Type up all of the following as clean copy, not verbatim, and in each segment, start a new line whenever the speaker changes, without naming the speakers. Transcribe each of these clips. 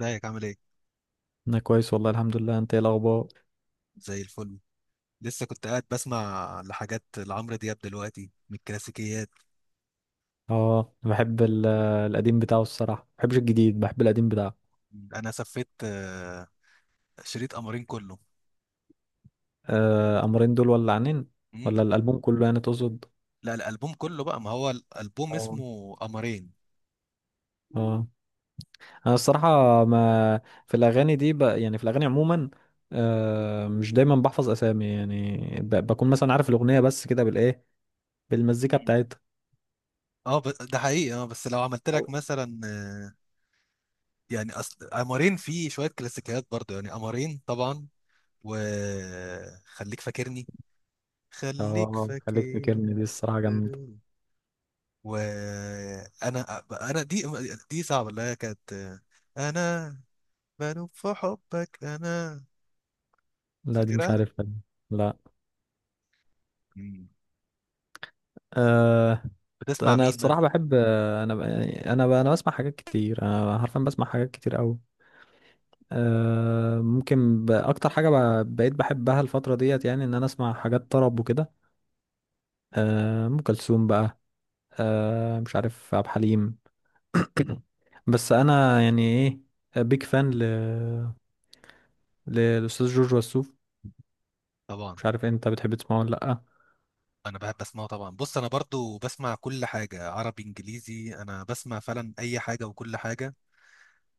ازيك عامل ايه؟
انا كويس والله الحمد لله. انت ايه الاخبار؟
زي الفل. لسه كنت قاعد بسمع لحاجات لعمرو دياب دلوقتي من الكلاسيكيات.
اه، أنا بحب القديم بتاعه الصراحه، ما بحبش الجديد، بحب القديم بتاعه.
انا سفيت، شريط قمرين كله.
آه، امرين دول ولا عنين، ولا
مم.
الالبوم كله يعني تقصد؟
لا، الالبوم كله بقى، ما هو الالبوم
اه.
اسمه قمرين.
اه. انا الصراحه ما في الاغاني دي يعني في الاغاني عموما، آه، مش دايما بحفظ اسامي يعني، بكون مثلا عارف الاغنيه بس كده بالايه، بالمزيكا
مم.
بتاعتها.
اه، ده حقيقي. اه، بس لو عملت لك مثلا، يعني اصل قمرين فيه شوية كلاسيكيات برضه، يعني قمرين طبعا. وخليك فاكرني، خليك
اه، خليك فاكرني
فاكرني.
دي الصراحه جامده.
وانا دي، دي صعبه، اللي هي كانت، انا بنوب في حبك انا.
لا، دي مش
فاكرها.
عارفها دي. لا.
مم.
آه،
بتسمع
انا
مين
الصراحه
مثلا؟
بحب، انا ب- يعني انا ب- انا بسمع حاجات كتير، انا حرفيا بسمع حاجات كتير قوي. أه، ممكن اكتر حاجه بقيت بحبها الفتره ديت، يعني ان انا اسمع حاجات طرب وكده. أه، ام كلثوم بقى. أه، مش عارف، عبد الحليم. بس انا يعني ايه، بيك فان للاستاذ جورج وسوف.
طبعا
مش عارف انت بتحب تسمعه ولا لا.
انا بحب اسمعه طبعا. بص، انا برضو بسمع كل حاجه، عربي انجليزي، انا بسمع فعلا اي حاجه وكل حاجه.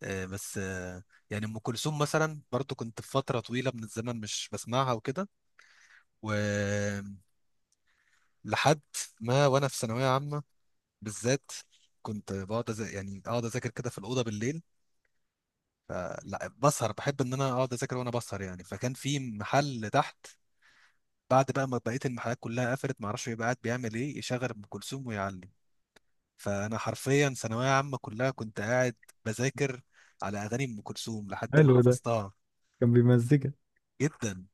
بس يعني ام كلثوم مثلا، برضو كنت في فتره طويله من الزمن مش بسمعها وكده. ولحد ما وانا في ثانويه عامه بالذات، كنت بقعد يعني اقعد اذاكر كده في الاوضه بالليل. فلا بسهر، بحب ان انا اقعد اذاكر وانا بسهر. يعني فكان في محل تحت، بعد بقى ما بقيه المحلات كلها قفلت، ما اعرفش بيبقى قاعد بيعمل ايه، يشغل ام كلثوم ويعلم. فانا حرفيا ثانويه عامه كلها كنت قاعد بذاكر على اغاني ام كلثوم لحد ما
حلو ده،
حفظتها.
كان بيمزجك.
جدا.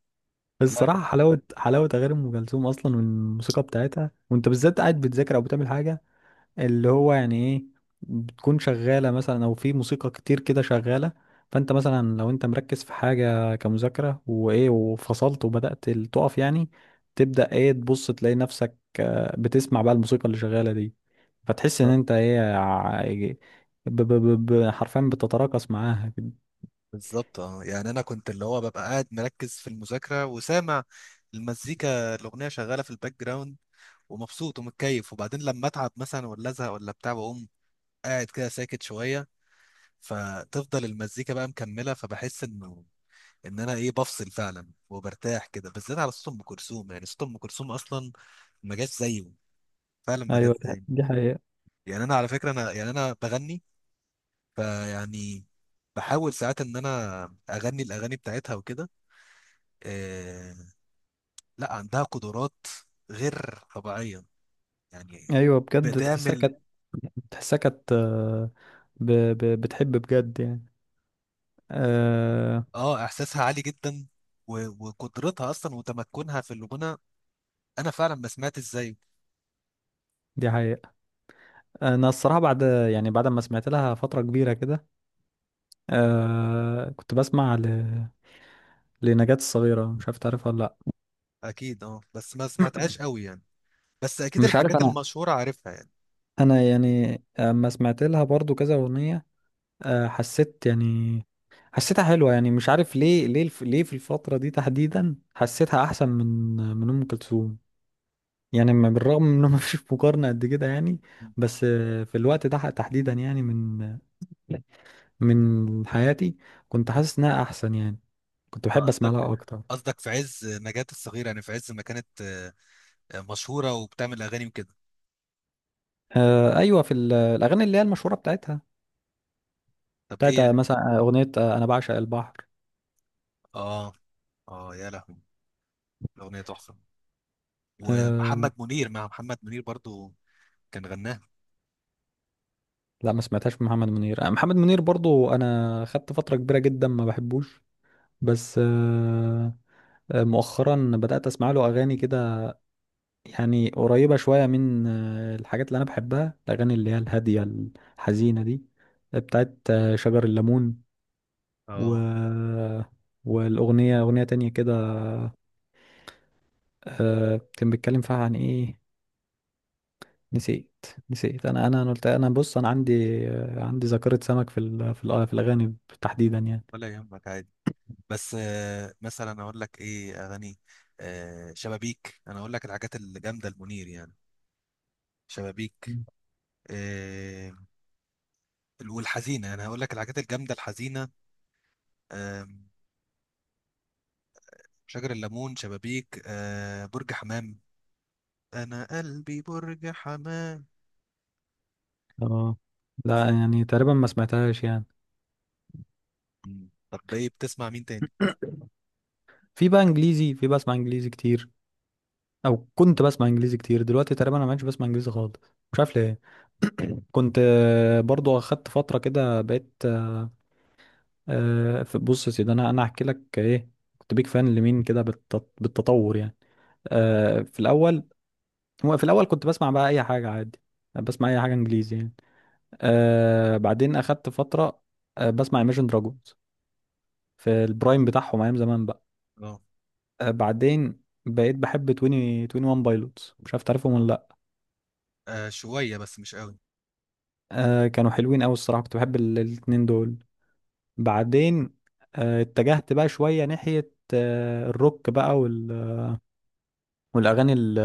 بس
لا،
الصراحه
كان
حلاوه، حلاوه اغاني ام كلثوم اصلا والموسيقى بتاعتها، وانت بالذات قاعد بتذاكر او بتعمل حاجه، اللي هو يعني ايه، بتكون شغالة مثلا او في موسيقى كتير كده شغالة. فانت مثلا لو انت مركز في حاجة كمذاكرة وايه، وفصلت وبدأت تقف يعني، تبدأ ايه، تبص تلاقي نفسك بتسمع بقى الموسيقى اللي شغالة دي. فتحس ان
بالظبط.
انت ايه، حرفيا بتتراقص معاها كده.
بالظبط، اه. يعني انا كنت اللي هو ببقى قاعد مركز في المذاكره، وسامع المزيكا الاغنيه شغاله في الباك جراوند، ومبسوط ومتكيف. وبعدين لما اتعب مثلا، ولا ازهق ولا بتاع، واقوم قاعد كده ساكت شويه، فتفضل المزيكا بقى مكمله، فبحس انه ان انا ايه، بفصل فعلا وبرتاح كده، بالذات على صوت ام كلثوم. يعني صوت ام كلثوم اصلا ما جاش زيه، فعلا ما جاش
ايوه، دي
زيه.
دي حقيقة.
يعني انا على فكره، انا يعني انا بغني، فيعني بحاول ساعات ان انا اغني الاغاني بتاعتها وكده. إيه. لا، عندها قدرات غير طبيعيه، يعني
ايوه بجد، تحسها
بتعمل.
كانت، تحسها كانت، بتحب بجد يعني. آه،
اه، احساسها عالي جدا، وقدرتها اصلا وتمكنها في الغنى. انا فعلا ما سمعتش زيه.
دي حقيقة. انا الصراحه بعد، يعني بعد ما سمعت لها فتره كبيره كده، آه كنت بسمع لنجاة الصغيره، مش عارف تعرفها ولا لا.
اكيد اه، بس ما سمعتهاش قوي يعني. بس اكيد
مش عارف
الحاجات
انا،
المشهوره عارفها يعني.
انا يعني اما سمعت لها برضو كذا اغنيه، آه حسيت يعني، حسيتها حلوه، يعني مش عارف ليه، ليه في الفتره دي تحديدا حسيتها احسن من، من ام كلثوم يعني. بالرغم من انه ما فيش مقارنه قد كده يعني. بس آه، في الوقت ده تحديدا، يعني من، من حياتي، كنت حاسس انها احسن يعني، كنت
أنت
بحب اسمع
قصدك
لها اكتر.
قصدك في عز نجاة الصغيره، يعني في عز ما كانت، مشهوره وبتعمل اغاني وكده.
آه، ايوه، في الاغاني اللي هي المشهوره بتاعتها،
طب ايه
بتاعت آه،
يعني؟
مثلا اغنيه آه، انا بعشق البحر.
اه. اه يا لهوي، الاغنيه تحفه. ومحمد
آه.
منير مع محمد منير برضو كان غناها.
لا، ما سمعتهاش من محمد منير. آه، محمد منير برضو انا خدت فتره كبيره جدا ما بحبوش. بس آه، آه، مؤخرا بدات اسمع له اغاني كده، يعني قريبه شويه من آه، الحاجات اللي انا بحبها، الاغاني اللي هي الهاديه الحزينه دي، بتاعت آه، شجر الليمون، و،
اه.
والاغنيه، اغنيه تانية كده، آه كان بيتكلم فيها عن ايه، نسيت، نسيت، انا قلت، انا بص انا عندي، عندي ذاكرة سمك في في الاغاني تحديدا يعني.
ولا يهمك، عادي. بس، مثلا اقول لك ايه، اغاني شبابيك، انا اقول لك الحاجات الجامده المنير يعني، شبابيك، آه، والحزينه. انا هقول لك الحاجات الجامده الحزينه: آم، شجر الليمون، شبابيك، برج حمام، انا قلبي برج حمام.
اه. لا، يعني تقريبا ما سمعتهاش يعني.
مم. طب ايه، بتسمع مين تاني؟
في بقى انجليزي، في بسمع انجليزي كتير، او كنت بسمع انجليزي كتير، دلوقتي تقريبا انا ما بقتش بسمع انجليزي خالص، مش عارف ليه. كنت آه، برضو اخدت فترة كده بقيت آه، بص يا سيدي، انا هحكي لك ايه، كنت بيك فان لمين كده بالتطور يعني. آه، في الاول، هو في الاول كنت بسمع بقى اي حاجة عادي، بسمع اي حاجة انجليزي يعني. آه، بعدين اخدت فتره آه بسمع Imagine Dragons في البرايم بتاعهم ايام زمان بقى.
اه،
آه بعدين بقيت بحب 20 21 بايلوتس، مش عارف تعرفهم ولا لا.
شويه بس مش قوي.
آه، كانوا حلوين قوي الصراحه، كنت بحب الاتنين دول. بعدين آه اتجهت بقى شويه ناحيه آه الروك بقى، وال والاغاني ال-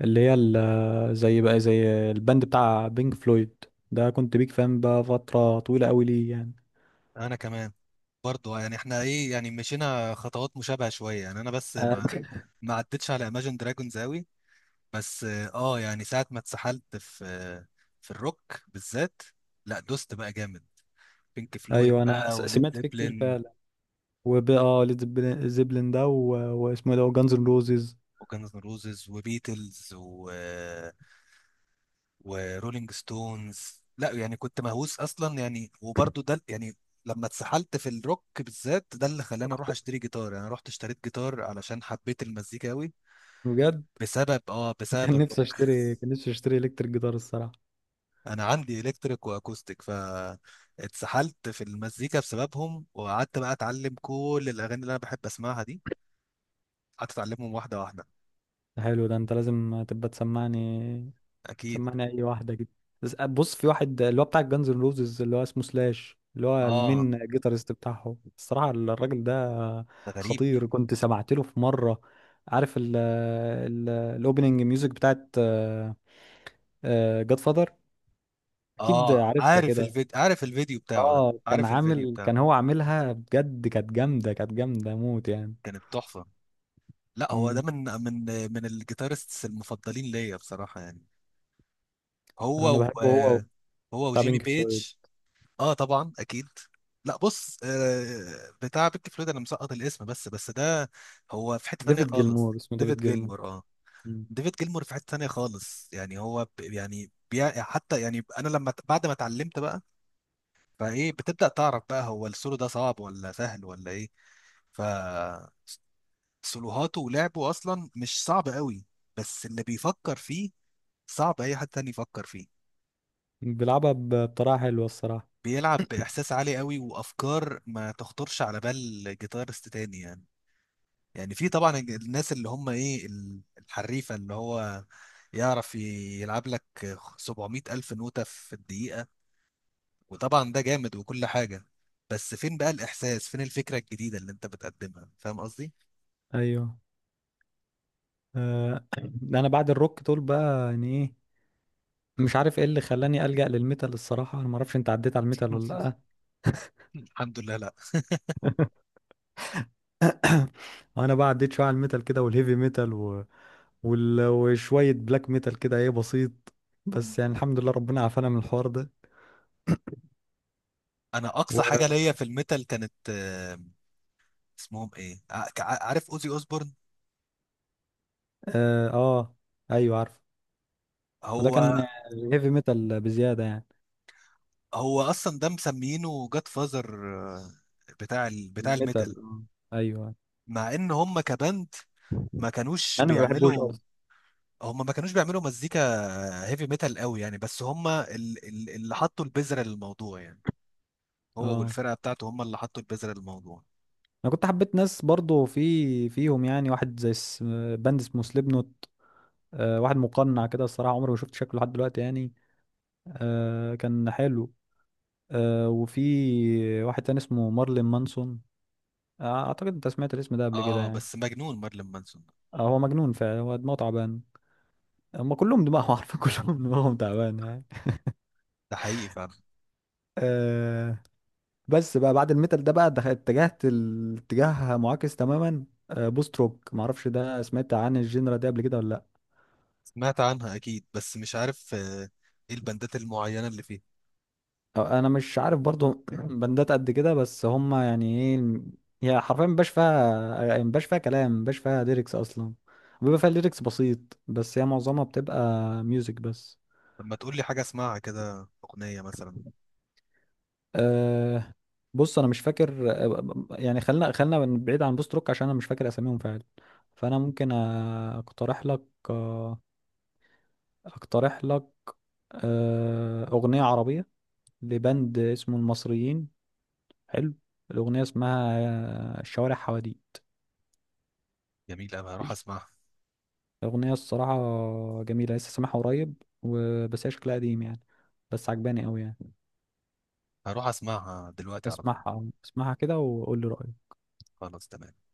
اللي هي ال- زي بقى، زي البند بتاع بينك فلويد، ده كنت بيك فان بقى فتره طويله قوي ليه يعني.
انا كمان برضو، يعني احنا ايه، يعني مشينا خطوات مشابهه شويه. يعني انا بس
آه،
ما ما عدتش على Imagine Dragons قوي. بس اه، يعني ساعه ما اتسحلت في، في الروك بالذات، لا دوست بقى جامد. بينك فلويد
ايوه، انا
بقى، وليد
سمعت فيه كتير
زيبلين،
فعلا. وبقى اه، ليد زيبلين، واسمه إيه ده، جانز اند روزز،
وكانز روزز، وبيتلز، ورولينج ستونز. لا يعني كنت مهووس اصلا يعني، وبرضه ده يعني. لما اتسحلت في الروك بالذات، ده اللي خلاني اروح اشتري جيتار. يعني انا رحت اشتريت جيتار علشان حبيت المزيكا قوي،
بجد.
بسبب
كان نفسي
الروك.
اشتري، كان نفسي اشتري الكتريك جيتار الصراحه.
انا عندي الكتريك واكوستيك، ف اتسحلت في المزيكا بسببهم، وقعدت بقى اتعلم كل الاغاني اللي انا بحب اسمعها دي، قعدت اتعلمهم واحده واحده.
ده حلو ده، انت لازم تبقى تسمعني،
اكيد.
تسمعني اي واحده كده. بس آه، بص، في واحد اللي هو بتاع جانز اند روزز، اللي هو اسمه سلاش، اللي هو
اه،
المين جيتارست بتاعهم. الصراحه الراجل ده
ده غريب.
خطير. كنت سمعت له في مره، عارف ال، ال الاوبننج ميوزك بتاعت جاد فادر، اكيد
اه،
عارفها
عارف
كده.
الفيديو عارف الفيديو بتاعه، ده
اه، كان
عارف الفيديو
عامل،
بتاعه.
كان هو عاملها بجد، كانت جامدة، كانت جامدة موت يعني.
كانت تحفه. لا، هو ده
مم.
من الجيتارستس المفضلين ليا بصراحة يعني. هو
انا
و
بحبه هو،
هو
بتاع
وجيمي
بينك
بيج.
فلويد،
اه طبعا اكيد. لا، بص، بتاع بيك فلويد انا مسقط الاسم، بس ده هو في حتة تانية
ديفيد
خالص.
جيلمور، اسمه ديفيد
ديفيد جيلمور،
جيلمور.
اه.
مم.
ديفيد جيلمور في حتة تانية خالص. يعني هو يعني حتى، يعني انا لما بعد ما اتعلمت بقى، فايه بتبدأ تعرف بقى هو السولو ده صعب ولا سهل ولا ايه. فسولوهاته ولعبه اصلا مش صعب قوي، بس اللي بيفكر فيه صعب اي حد تاني يفكر فيه.
بيلعبها بطريقة حلوة الصراحة.
بيلعب باحساس عالي قوي، وافكار ما تخطرش على بال جيتارست تاني يعني. يعني في طبعا الناس اللي هم ايه، الحريفه، اللي هو يعرف يلعب لك 700 الف نوته في الدقيقه، وطبعا ده جامد وكل حاجه. بس فين بقى الاحساس، فين الفكره الجديده اللي انت بتقدمها؟ فاهم قصدي؟
ايوه. آه. انا بعد الروك دول بقى يعني ايه، مش عارف ايه اللي خلاني ألجأ للميتال الصراحة. انا ما اعرفش انت عديت على الميتال ولا لا.
الحمد لله، لا.
انا بقى عديت شوية على الميتال كده، والهيفي ميتال و وشوية بلاك ميتال كده، ايه بسيط. بس يعني الحمد لله، ربنا عافانا من الحوار ده.
انا اقصى حاجه ليا في الميتال كانت، اسمهم ايه، عارف، اوزي اوزبورن.
اه، آه، ايوه عارف. وده
هو
كان هيفي ميتال بزياده يعني.
هو اصلا ده مسمينه جاد فازر، بتاع
ميتال،
الميتال.
آه، ايوه.
مع ان هم كباند ما كانوش
انا ما بحبوش
بيعملوا،
اصلا.
هم ما كانوش بيعملوا مزيكا هيفي ميتال قوي يعني. بس هم اللي حطوا البذرة للموضوع يعني. هو
اه،
والفرقة بتاعته هم اللي حطوا البذرة للموضوع.
انا كنت حبيت ناس برضو في، فيهم يعني، واحد زي باند اسمه سليب نوت، آه واحد مقنع كده الصراحه، عمري ما شفت شكله لحد دلوقتي يعني، آه كان حلو. آه وفي واحد تاني اسمه مارلين مانسون، آه اعتقد انت سمعت الاسم ده قبل كده
اه،
يعني.
بس مجنون مارلين مانسون ده.
آه هو مجنون فعلا، هو دماغه تعبان، هم كلهم دماغهم عارفين كلهم دماغهم تعبان يعني.
ده حقيقي فعلا.
آه، بس بقى بعد الميتال ده بقى، دخلت، اتجهت الاتجاه معاكس تماما، آه، بوست روك. معرفش ده سمعت عن الجينرا دي قبل كده ولا لا.
سمعت عنها اكيد، بس مش عارف ايه البندات المعينة اللي فيه.
آه، انا مش عارف برضو بندات قد كده، بس هم يعني ايه، هي حرفيا مبقاش فيها، مبقاش فيها كلام، مبقاش فيها ليركس اصلا، بيبقى فيها ليركس بسيط، بس هي معظمها بتبقى ميوزك بس.
لما تقول لي حاجة اسمعها كده، اغنية مثلا.
أه، بص انا مش فاكر، آه، يعني خلينا، خلينا بعيد عن بوست روك عشان انا مش فاكر اساميهم فعلا. فانا ممكن آه، اقترح لك، آه، اقترح لك آه، أغنية عربية لبند اسمه المصريين، حلو. الأغنية اسمها الشوارع حواديت.
جميلة أوي، هروح اسمعها.
الأغنية الصراحة جميلة، لسه سامعها قريب، وبس هي شكلها قديم يعني، بس عجباني أوي يعني.
هروح اسمعها دلوقتي على طول.
اسمعها، اسمعها كده وقول لي رأيك.
خلاص، تمام.